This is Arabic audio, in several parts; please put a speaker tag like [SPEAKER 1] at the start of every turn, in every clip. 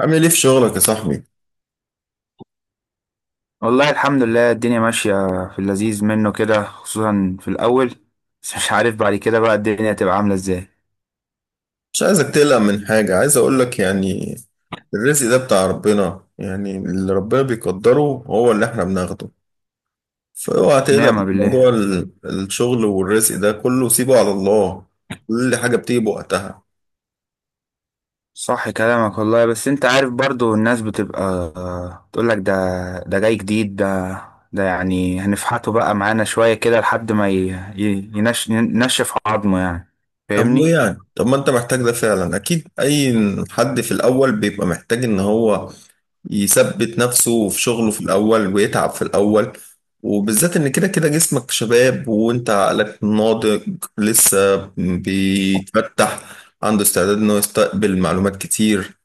[SPEAKER 1] عامل ايه في شغلك يا صاحبي؟
[SPEAKER 2] والله الحمد لله الدنيا ماشية في اللذيذ منه كده خصوصا في الأول. بس مش عارف بعد كده بقى الدنيا تبقى عاملة ازاي.
[SPEAKER 1] مش عايزك تقلق من حاجة، عايز اقولك يعني الرزق ده بتاع ربنا، يعني اللي ربنا بيقدره هو اللي احنا بناخده. فاوعى تقلق
[SPEAKER 2] نعمة
[SPEAKER 1] من
[SPEAKER 2] بالله.
[SPEAKER 1] موضوع الشغل والرزق، ده كله سيبه على الله. كل حاجة بتيجي بوقتها.
[SPEAKER 2] صح كلامك والله، بس انت عارف برضو الناس بتبقى تقولك ده، ده جاي جديد ده، ده يعني هنفحته بقى معانا شوية كده لحد ما ينشف عظمه يعني.
[SPEAKER 1] طب وايه
[SPEAKER 2] فاهمني.
[SPEAKER 1] يعني؟ طب ما انت محتاج ده فعلا، اكيد اي حد في الاول بيبقى محتاج ان هو يثبت نفسه في شغله في الأول ويتعب في الأول، وبالذات إن كده كده جسمك شباب وأنت عقلك ناضج لسه بيتفتح، عنده استعداد إنه يستقبل معلومات كتير.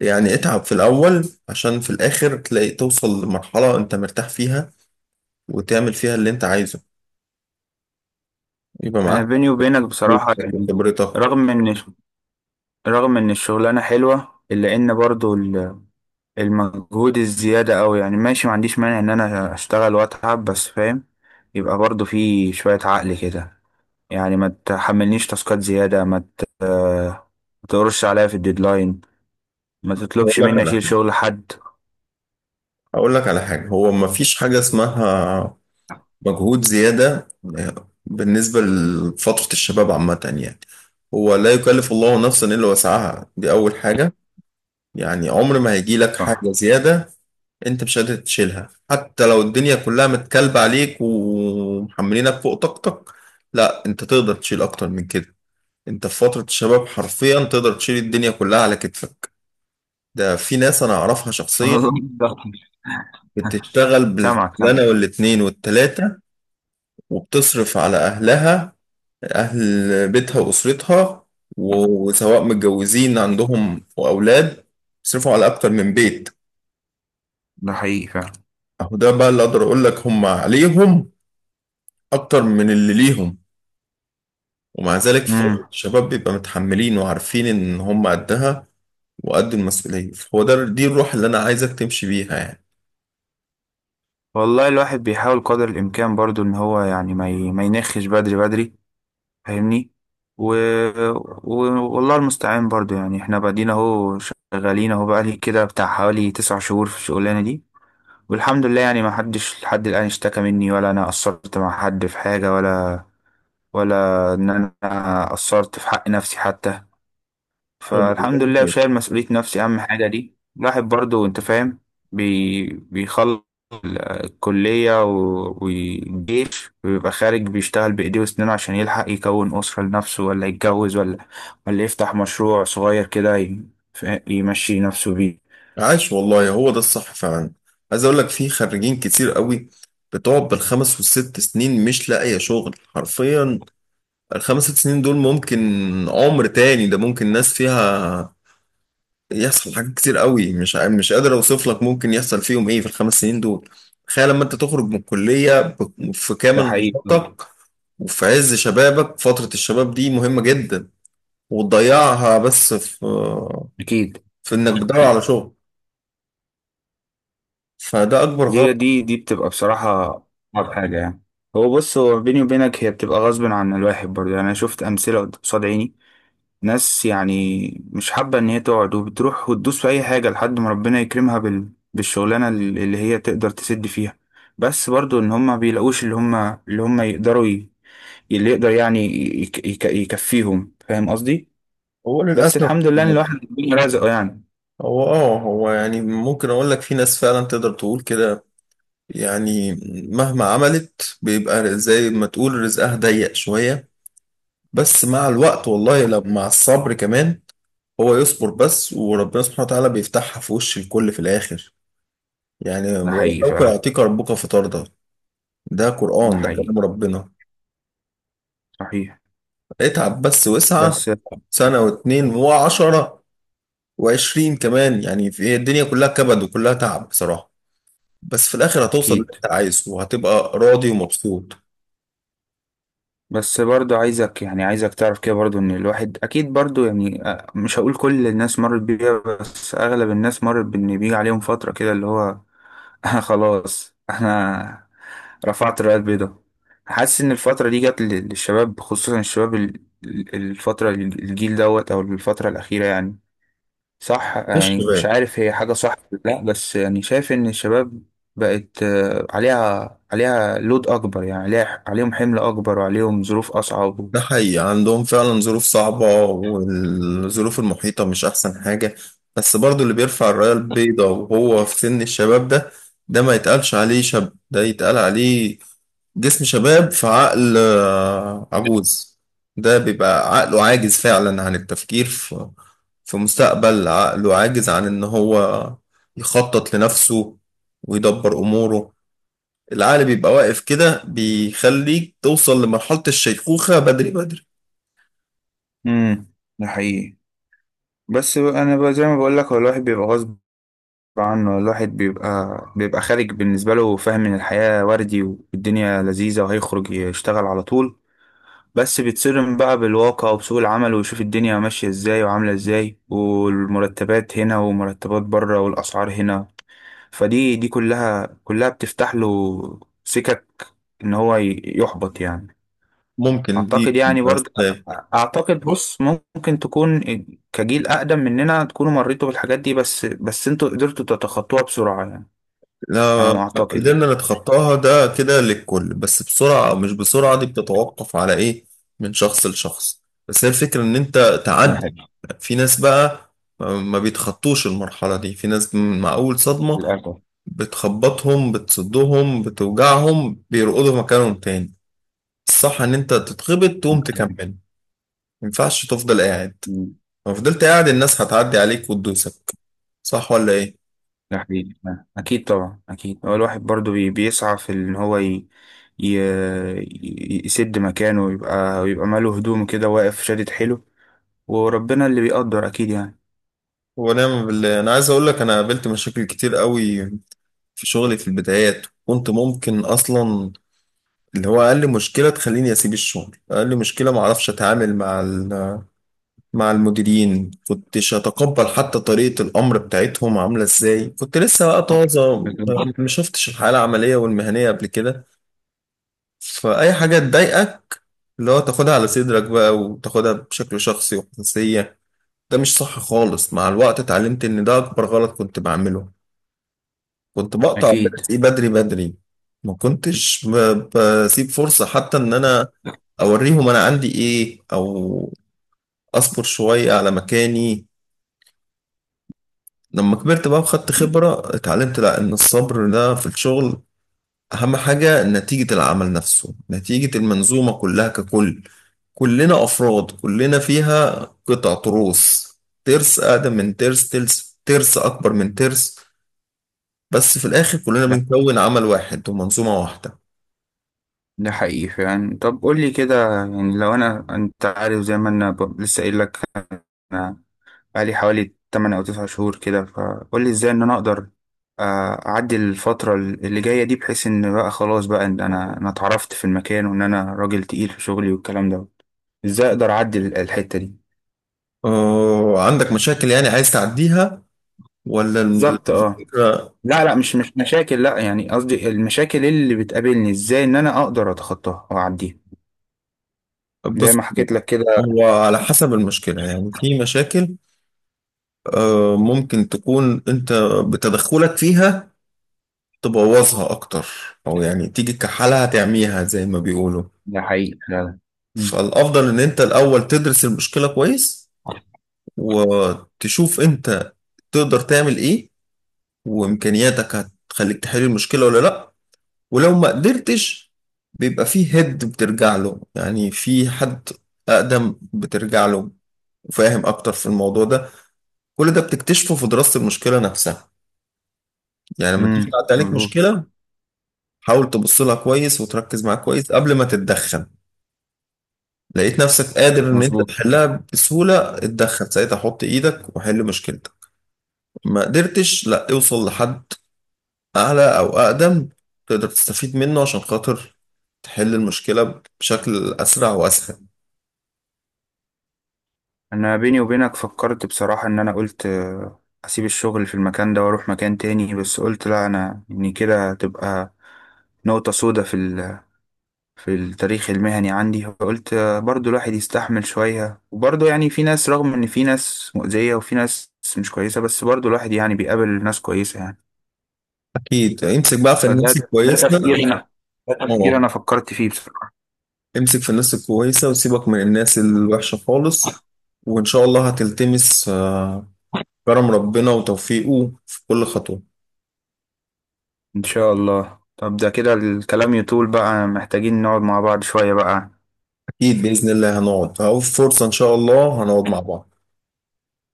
[SPEAKER 1] يعني اتعب في الأول عشان في الآخر تلاقي توصل لمرحلة أنت مرتاح فيها وتعمل فيها اللي أنت عايزه، يبقى
[SPEAKER 2] أنا
[SPEAKER 1] معاك
[SPEAKER 2] بيني وبينك بصراحة
[SPEAKER 1] فلوسك
[SPEAKER 2] يعني
[SPEAKER 1] وخبرتك.
[SPEAKER 2] رغم إن رغم إن الشغلانة حلوة إلا إن برضو المجهود الزيادة أوي، يعني ماشي ما عنديش مانع إن أنا أشتغل وأتعب، بس فاهم يبقى برضو في شوية عقل كده. يعني ما تحملنيش تاسكات زيادة، ما ت- آه، ما تقرش عليا في الديدلاين، ما
[SPEAKER 1] هقول
[SPEAKER 2] تطلبش
[SPEAKER 1] لك
[SPEAKER 2] مني
[SPEAKER 1] على
[SPEAKER 2] أشيل
[SPEAKER 1] حاجة،
[SPEAKER 2] شغل حد.
[SPEAKER 1] هقول لك على حاجة، هو مفيش حاجة اسمها مجهود زيادة بالنسبة لفترة الشباب عامة يعني. هو لا يكلف الله نفسا إلا وسعها، دي أول حاجة. يعني عمر ما هيجي لك
[SPEAKER 2] صح.
[SPEAKER 1] حاجة زيادة أنت مش قادر تشيلها، حتى لو الدنيا كلها متكلبة عليك ومحملينك فوق طاقتك، لا أنت تقدر تشيل أكتر من كده. أنت في فترة الشباب حرفيا تقدر تشيل الدنيا كلها على كتفك. ده في ناس أنا أعرفها شخصيا
[SPEAKER 2] والله ده-
[SPEAKER 1] بتشتغل
[SPEAKER 2] سامعك سامعك.
[SPEAKER 1] بالشغلانة والاتنين والتلاتة، وبتصرف على أهلها، أهل بيتها وأسرتها، وسواء متجوزين عندهم وأولاد، بيصرفوا على أكتر من بيت.
[SPEAKER 2] ده حقيقي فعلا.
[SPEAKER 1] أهو ده بقى اللي أقدر أقول لك، هم عليهم أكتر من اللي ليهم، ومع ذلك في فترة
[SPEAKER 2] امم.
[SPEAKER 1] الشباب بيبقى متحملين وعارفين إن هم قدها وقد المسؤولية. هو ده، دي الروح اللي أنا عايزك تمشي بيها يعني.
[SPEAKER 2] والله الواحد بيحاول قدر الإمكان برضو إن هو يعني ما ينخش بدري بدري. فاهمني. و... و... والله المستعان برضو. يعني احنا بعدين اهو شغالين اهو، بقالي كده بتاع حوالي تسع شهور في الشغلانة دي، والحمد لله يعني ما حدش لحد الآن اشتكى مني، ولا انا قصرت مع حد في حاجة، ولا ان انا قصرت في حق نفسي حتى.
[SPEAKER 1] طب والله
[SPEAKER 2] فالحمد لله
[SPEAKER 1] كويس.
[SPEAKER 2] شايل مسؤولية نفسي، أهم حاجة دي الواحد برضو أنت فاهم. بيخلص الكلية والجيش ويبقى خارج بيشتغل بإيديه وسنينه عشان يلحق يكون أسرة لنفسه، ولا يتجوز، ولا يفتح مشروع صغير كده يمشي نفسه بيه.
[SPEAKER 1] عاش والله، هو ده الصح فعلا. عايز أقول لك في خريجين كتير قوي بتقعد بالخمس والست سنين مش لاقية شغل حرفيا. الخمس ست سنين دول ممكن عمر تاني، ده ممكن ناس فيها يحصل حاجات كتير قوي، مش مش قادر اوصف لك ممكن يحصل فيهم ايه في الخمس سنين دول. تخيل لما انت تخرج من الكلية في
[SPEAKER 2] ده
[SPEAKER 1] كامل
[SPEAKER 2] حقيقي يعني.
[SPEAKER 1] نشاطك وفي عز شبابك، فترة الشباب دي مهمة جدا، وتضيعها بس في
[SPEAKER 2] أكيد.
[SPEAKER 1] في انك بتدور على شغل، فده اكبر
[SPEAKER 2] دي
[SPEAKER 1] غلط.
[SPEAKER 2] دي دي بتبقى بصراحة أصعب حاجة يعني. هو بص بيني وبينك هي بتبقى غصب عن الواحد برضه يعني. أنا شفت أمثلة قصاد عيني، ناس يعني مش حابة إن هي تقعد، وبتروح وتدوس في أي حاجة لحد ما ربنا يكرمها بالشغلانة اللي هي تقدر تسد فيها. بس برضو إن هما بيلاقوش اللي هما اللي يقدر يعني يكفيهم، فاهم قصدي؟
[SPEAKER 1] هو
[SPEAKER 2] بس
[SPEAKER 1] للاسف
[SPEAKER 2] الحمد لله إن الواحد ربنا رزقه يعني.
[SPEAKER 1] هو اه هو يعني ممكن اقول لك في ناس فعلا تقدر تقول كده، يعني مهما عملت بيبقى زي ما تقول رزقها ضيق شوية. بس مع الوقت، والله لو مع الصبر كمان، هو يصبر بس وربنا سبحانه وتعالى بيفتحها في وش الكل في الآخر. يعني
[SPEAKER 2] ده حقيقي
[SPEAKER 1] ولسوف
[SPEAKER 2] فعلا.
[SPEAKER 1] يعطيك ربك فترضى، ده
[SPEAKER 2] ده
[SPEAKER 1] قرآن، ده كلام
[SPEAKER 2] حقيقي.
[SPEAKER 1] ربنا.
[SPEAKER 2] صحيح.
[SPEAKER 1] اتعب بس واسعى
[SPEAKER 2] بس.
[SPEAKER 1] سنة واتنين وعشرة وعشرين كمان، يعني في الدنيا كلها كبد وكلها تعب بصراحة، بس في الآخر هتوصل اللي
[SPEAKER 2] أكيد.
[SPEAKER 1] انت عايزه وهتبقى راضي ومبسوط.
[SPEAKER 2] بس برضو عايزك يعني عايزك تعرف كده برضو ان الواحد اكيد برضو يعني، مش هقول كل الناس مرت بيها، بس اغلب الناس مرت، بان بيجي عليهم فترة كده اللي هو انا خلاص انا رفعت الراية البيضاء. حاسس ان الفترة دي جت للشباب، خصوصا الشباب الفترة الجيل دوت او الفترة الاخيرة يعني. صح
[SPEAKER 1] مش
[SPEAKER 2] يعني، مش
[SPEAKER 1] شباب.
[SPEAKER 2] عارف هي حاجة صح ولا لا، بس يعني شايف ان الشباب بقت عليها لود اكبر، يعني عليها عليهم حمل اكبر، وعليهم ظروف اصعب.
[SPEAKER 1] ده حقيقي، عندهم فعلا ظروف صعبة والظروف المحيطة مش أحسن حاجة. بس برضو اللي بيرفع الراية البيضاء وهو في سن الشباب ده، ده ما يتقالش عليه شاب، ده يتقال عليه جسم شباب في عقل عجوز. ده بيبقى عقله عاجز فعلا عن التفكير في في مستقبل، عقله عاجز عن إن هو يخطط لنفسه ويدبر أموره. العقل بيبقى واقف كده، بيخليك توصل لمرحلة الشيخوخة بدري بدري.
[SPEAKER 2] امم. ده حقيقي. بس بقى انا بقى زي ما بقول لك، هو الواحد بيبقى غصب عنه، الواحد بيبقى خارج بالنسبه له فاهم ان الحياه وردي والدنيا لذيذه، وهيخرج يشتغل على طول. بس بيتصدم بقى بالواقع، وبسوق العمل، ويشوف الدنيا ماشيه ازاي وعامله ازاي، والمرتبات هنا ومرتبات بره والاسعار هنا. فدي دي كلها كلها بتفتح له سكك ان هو يحبط يعني.
[SPEAKER 1] ممكن دي
[SPEAKER 2] اعتقد يعني
[SPEAKER 1] بس.
[SPEAKER 2] برضه، اعتقد بص ممكن تكون كجيل اقدم مننا تكونوا مريتوا بالحاجات دي، بس انتوا قدرتوا تتخطوها بسرعة يعني، على
[SPEAKER 1] لا،
[SPEAKER 2] ما اعتقد يعني.
[SPEAKER 1] قدرنا نتخطاها ده كده للكل، بس بسرعة أو مش بسرعة دي بتتوقف على إيه من شخص لشخص. بس هي الفكرة إن أنت
[SPEAKER 2] ده
[SPEAKER 1] تعدي.
[SPEAKER 2] حقيقي.
[SPEAKER 1] في ناس بقى ما بيتخطوش المرحلة دي، في ناس مع أول صدمة
[SPEAKER 2] للأسف.
[SPEAKER 1] بتخبطهم، بتصدهم، بتوجعهم، بيرقدوا في مكانهم تاني. الصح إن أنت تتخبط تقوم تكمل، ما ينفعش تفضل قاعد.
[SPEAKER 2] مم.
[SPEAKER 1] لو فضلت قاعد الناس هتعدي عليك وتدوسك. صح ولا إيه؟
[SPEAKER 2] ده حقيقي. اكيد طبعا، اكيد هو الواحد برضه بيسعى في ان هو ي... يسد مكانه، ويبقى ماله هدوم كده واقف شادد حيله، وربنا اللي بيقدر اكيد يعني.
[SPEAKER 1] ونعم بالله. انا عايز اقول لك انا قابلت مشاكل كتير قوي في شغلي في البدايات، كنت ممكن اصلا اللي هو اقل مشكله تخليني اسيب الشغل. اقل مشكله، ما اعرفش اتعامل مع مع المديرين، كنتش اتقبل حتى طريقه الامر بتاعتهم عامله ازاي. كنت لسه بقى طازه،
[SPEAKER 2] بالظبط.
[SPEAKER 1] ما شفتش الحياه العمليه والمهنيه قبل كده. فاي حاجه تضايقك اللي هو تاخدها على صدرك بقى وتاخدها بشكل شخصي وحساسيه. ده مش صح خالص. مع الوقت اتعلمت ان ده اكبر غلط كنت بعمله. كنت بقطع
[SPEAKER 2] اكيد.
[SPEAKER 1] درسي بدري بدري، ما كنتش بسيب فرصة حتى ان انا اوريهم انا عندي ايه، او اصبر شوية على مكاني. لما كبرت بقى وخدت خبرة اتعلمت لا، ان الصبر ده في الشغل اهم حاجة. نتيجة العمل نفسه، نتيجة المنظومة كلها ككل، كلنا افراد كلنا فيها قطع تروس، ترس اقدم من ترس، ترس ترس اكبر من ترس، بس في الاخر كلنا بنكون عمل واحد ومنظومة واحدة.
[SPEAKER 2] ده حقيقي فعلا. طب قول لي كده يعني، لو انا انت عارف زي ما انا لسه قايل لك، انا بقالي حوالي 8 او 9 شهور كده، فقول لي ازاي ان انا اقدر اعدي الفترة اللي جاية دي، بحيث ان بقى خلاص بقى ان انا اتعرفت في المكان، وان انا راجل تقيل في شغلي والكلام ده. ازاي اقدر اعدي الحتة دي؟
[SPEAKER 1] عندك مشاكل يعني عايز تعديها ولا؟
[SPEAKER 2] بالظبط اه.
[SPEAKER 1] الفكرة،
[SPEAKER 2] لا، مش مشاكل، لا، يعني قصدي المشاكل اللي بتقابلني ازاي ان انا اقدر اتخطاها واعديها، زي
[SPEAKER 1] بص،
[SPEAKER 2] ما حكيت لك كده.
[SPEAKER 1] هو على حسب المشكلة يعني. في مشاكل ممكن تكون انت بتدخلك فيها تبوظها اكتر، او يعني تيجي كحالها تعميها زي ما بيقولوا.
[SPEAKER 2] ده حقيقي فعلا.
[SPEAKER 1] فالافضل ان انت الاول تدرس المشكلة كويس وتشوف انت تقدر تعمل ايه، وامكانياتك هتخليك تحل المشكلة ولا لا. ولو ما قدرتش بيبقى فيه هيد بترجع له، يعني في حد أقدم بترجع له وفاهم أكتر في الموضوع ده. كل ده بتكتشفه في دراسة المشكلة نفسها. يعني لما تيجي تعدي عليك
[SPEAKER 2] مظبوط.
[SPEAKER 1] مشكلة حاول تبص لها كويس وتركز معاها كويس قبل ما تتدخل. لقيت نفسك قادر إن أنت
[SPEAKER 2] مظبوط.
[SPEAKER 1] تحلها بسهولة، اتدخل ساعتها، حط إيدك وحل مشكلتك. ما قدرتش، لا، اوصل لحد أعلى أو أقدم تقدر تستفيد منه عشان خاطر تحل المشكلة بشكل أسرع وأسهل.
[SPEAKER 2] انا بيني وبينك فكرت بصراحة ان انا قلت اسيب الشغل في المكان ده واروح مكان تاني، بس قلت لا، انا ان كده تبقى نقطة سودة في التاريخ المهني عندي، فقلت برضو الواحد يستحمل شوية، وبرضو يعني في ناس، رغم ان في ناس مؤذية وفي ناس مش كويسة، بس برضو الواحد يعني بيقابل ناس كويسة يعني.
[SPEAKER 1] اكيد امسك بقى في
[SPEAKER 2] فده،
[SPEAKER 1] الناس
[SPEAKER 2] ده
[SPEAKER 1] الكويسه.
[SPEAKER 2] تفكير انا ده تفكير
[SPEAKER 1] اه،
[SPEAKER 2] انا فكرت فيه بصراحة.
[SPEAKER 1] امسك في الناس الكويسه وسيبك من الناس الوحشه خالص، وان شاء الله هتلتمس كرم ربنا وتوفيقه في كل خطوه.
[SPEAKER 2] إن شاء الله. طب ده كده الكلام يطول بقى، محتاجين نقعد مع بعض شوية بقى.
[SPEAKER 1] اكيد باذن الله هنقعد، او فرصه ان شاء الله هنقعد مع بعض،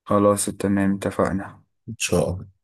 [SPEAKER 2] خلاص تمام اتفقنا.
[SPEAKER 1] ان شاء الله.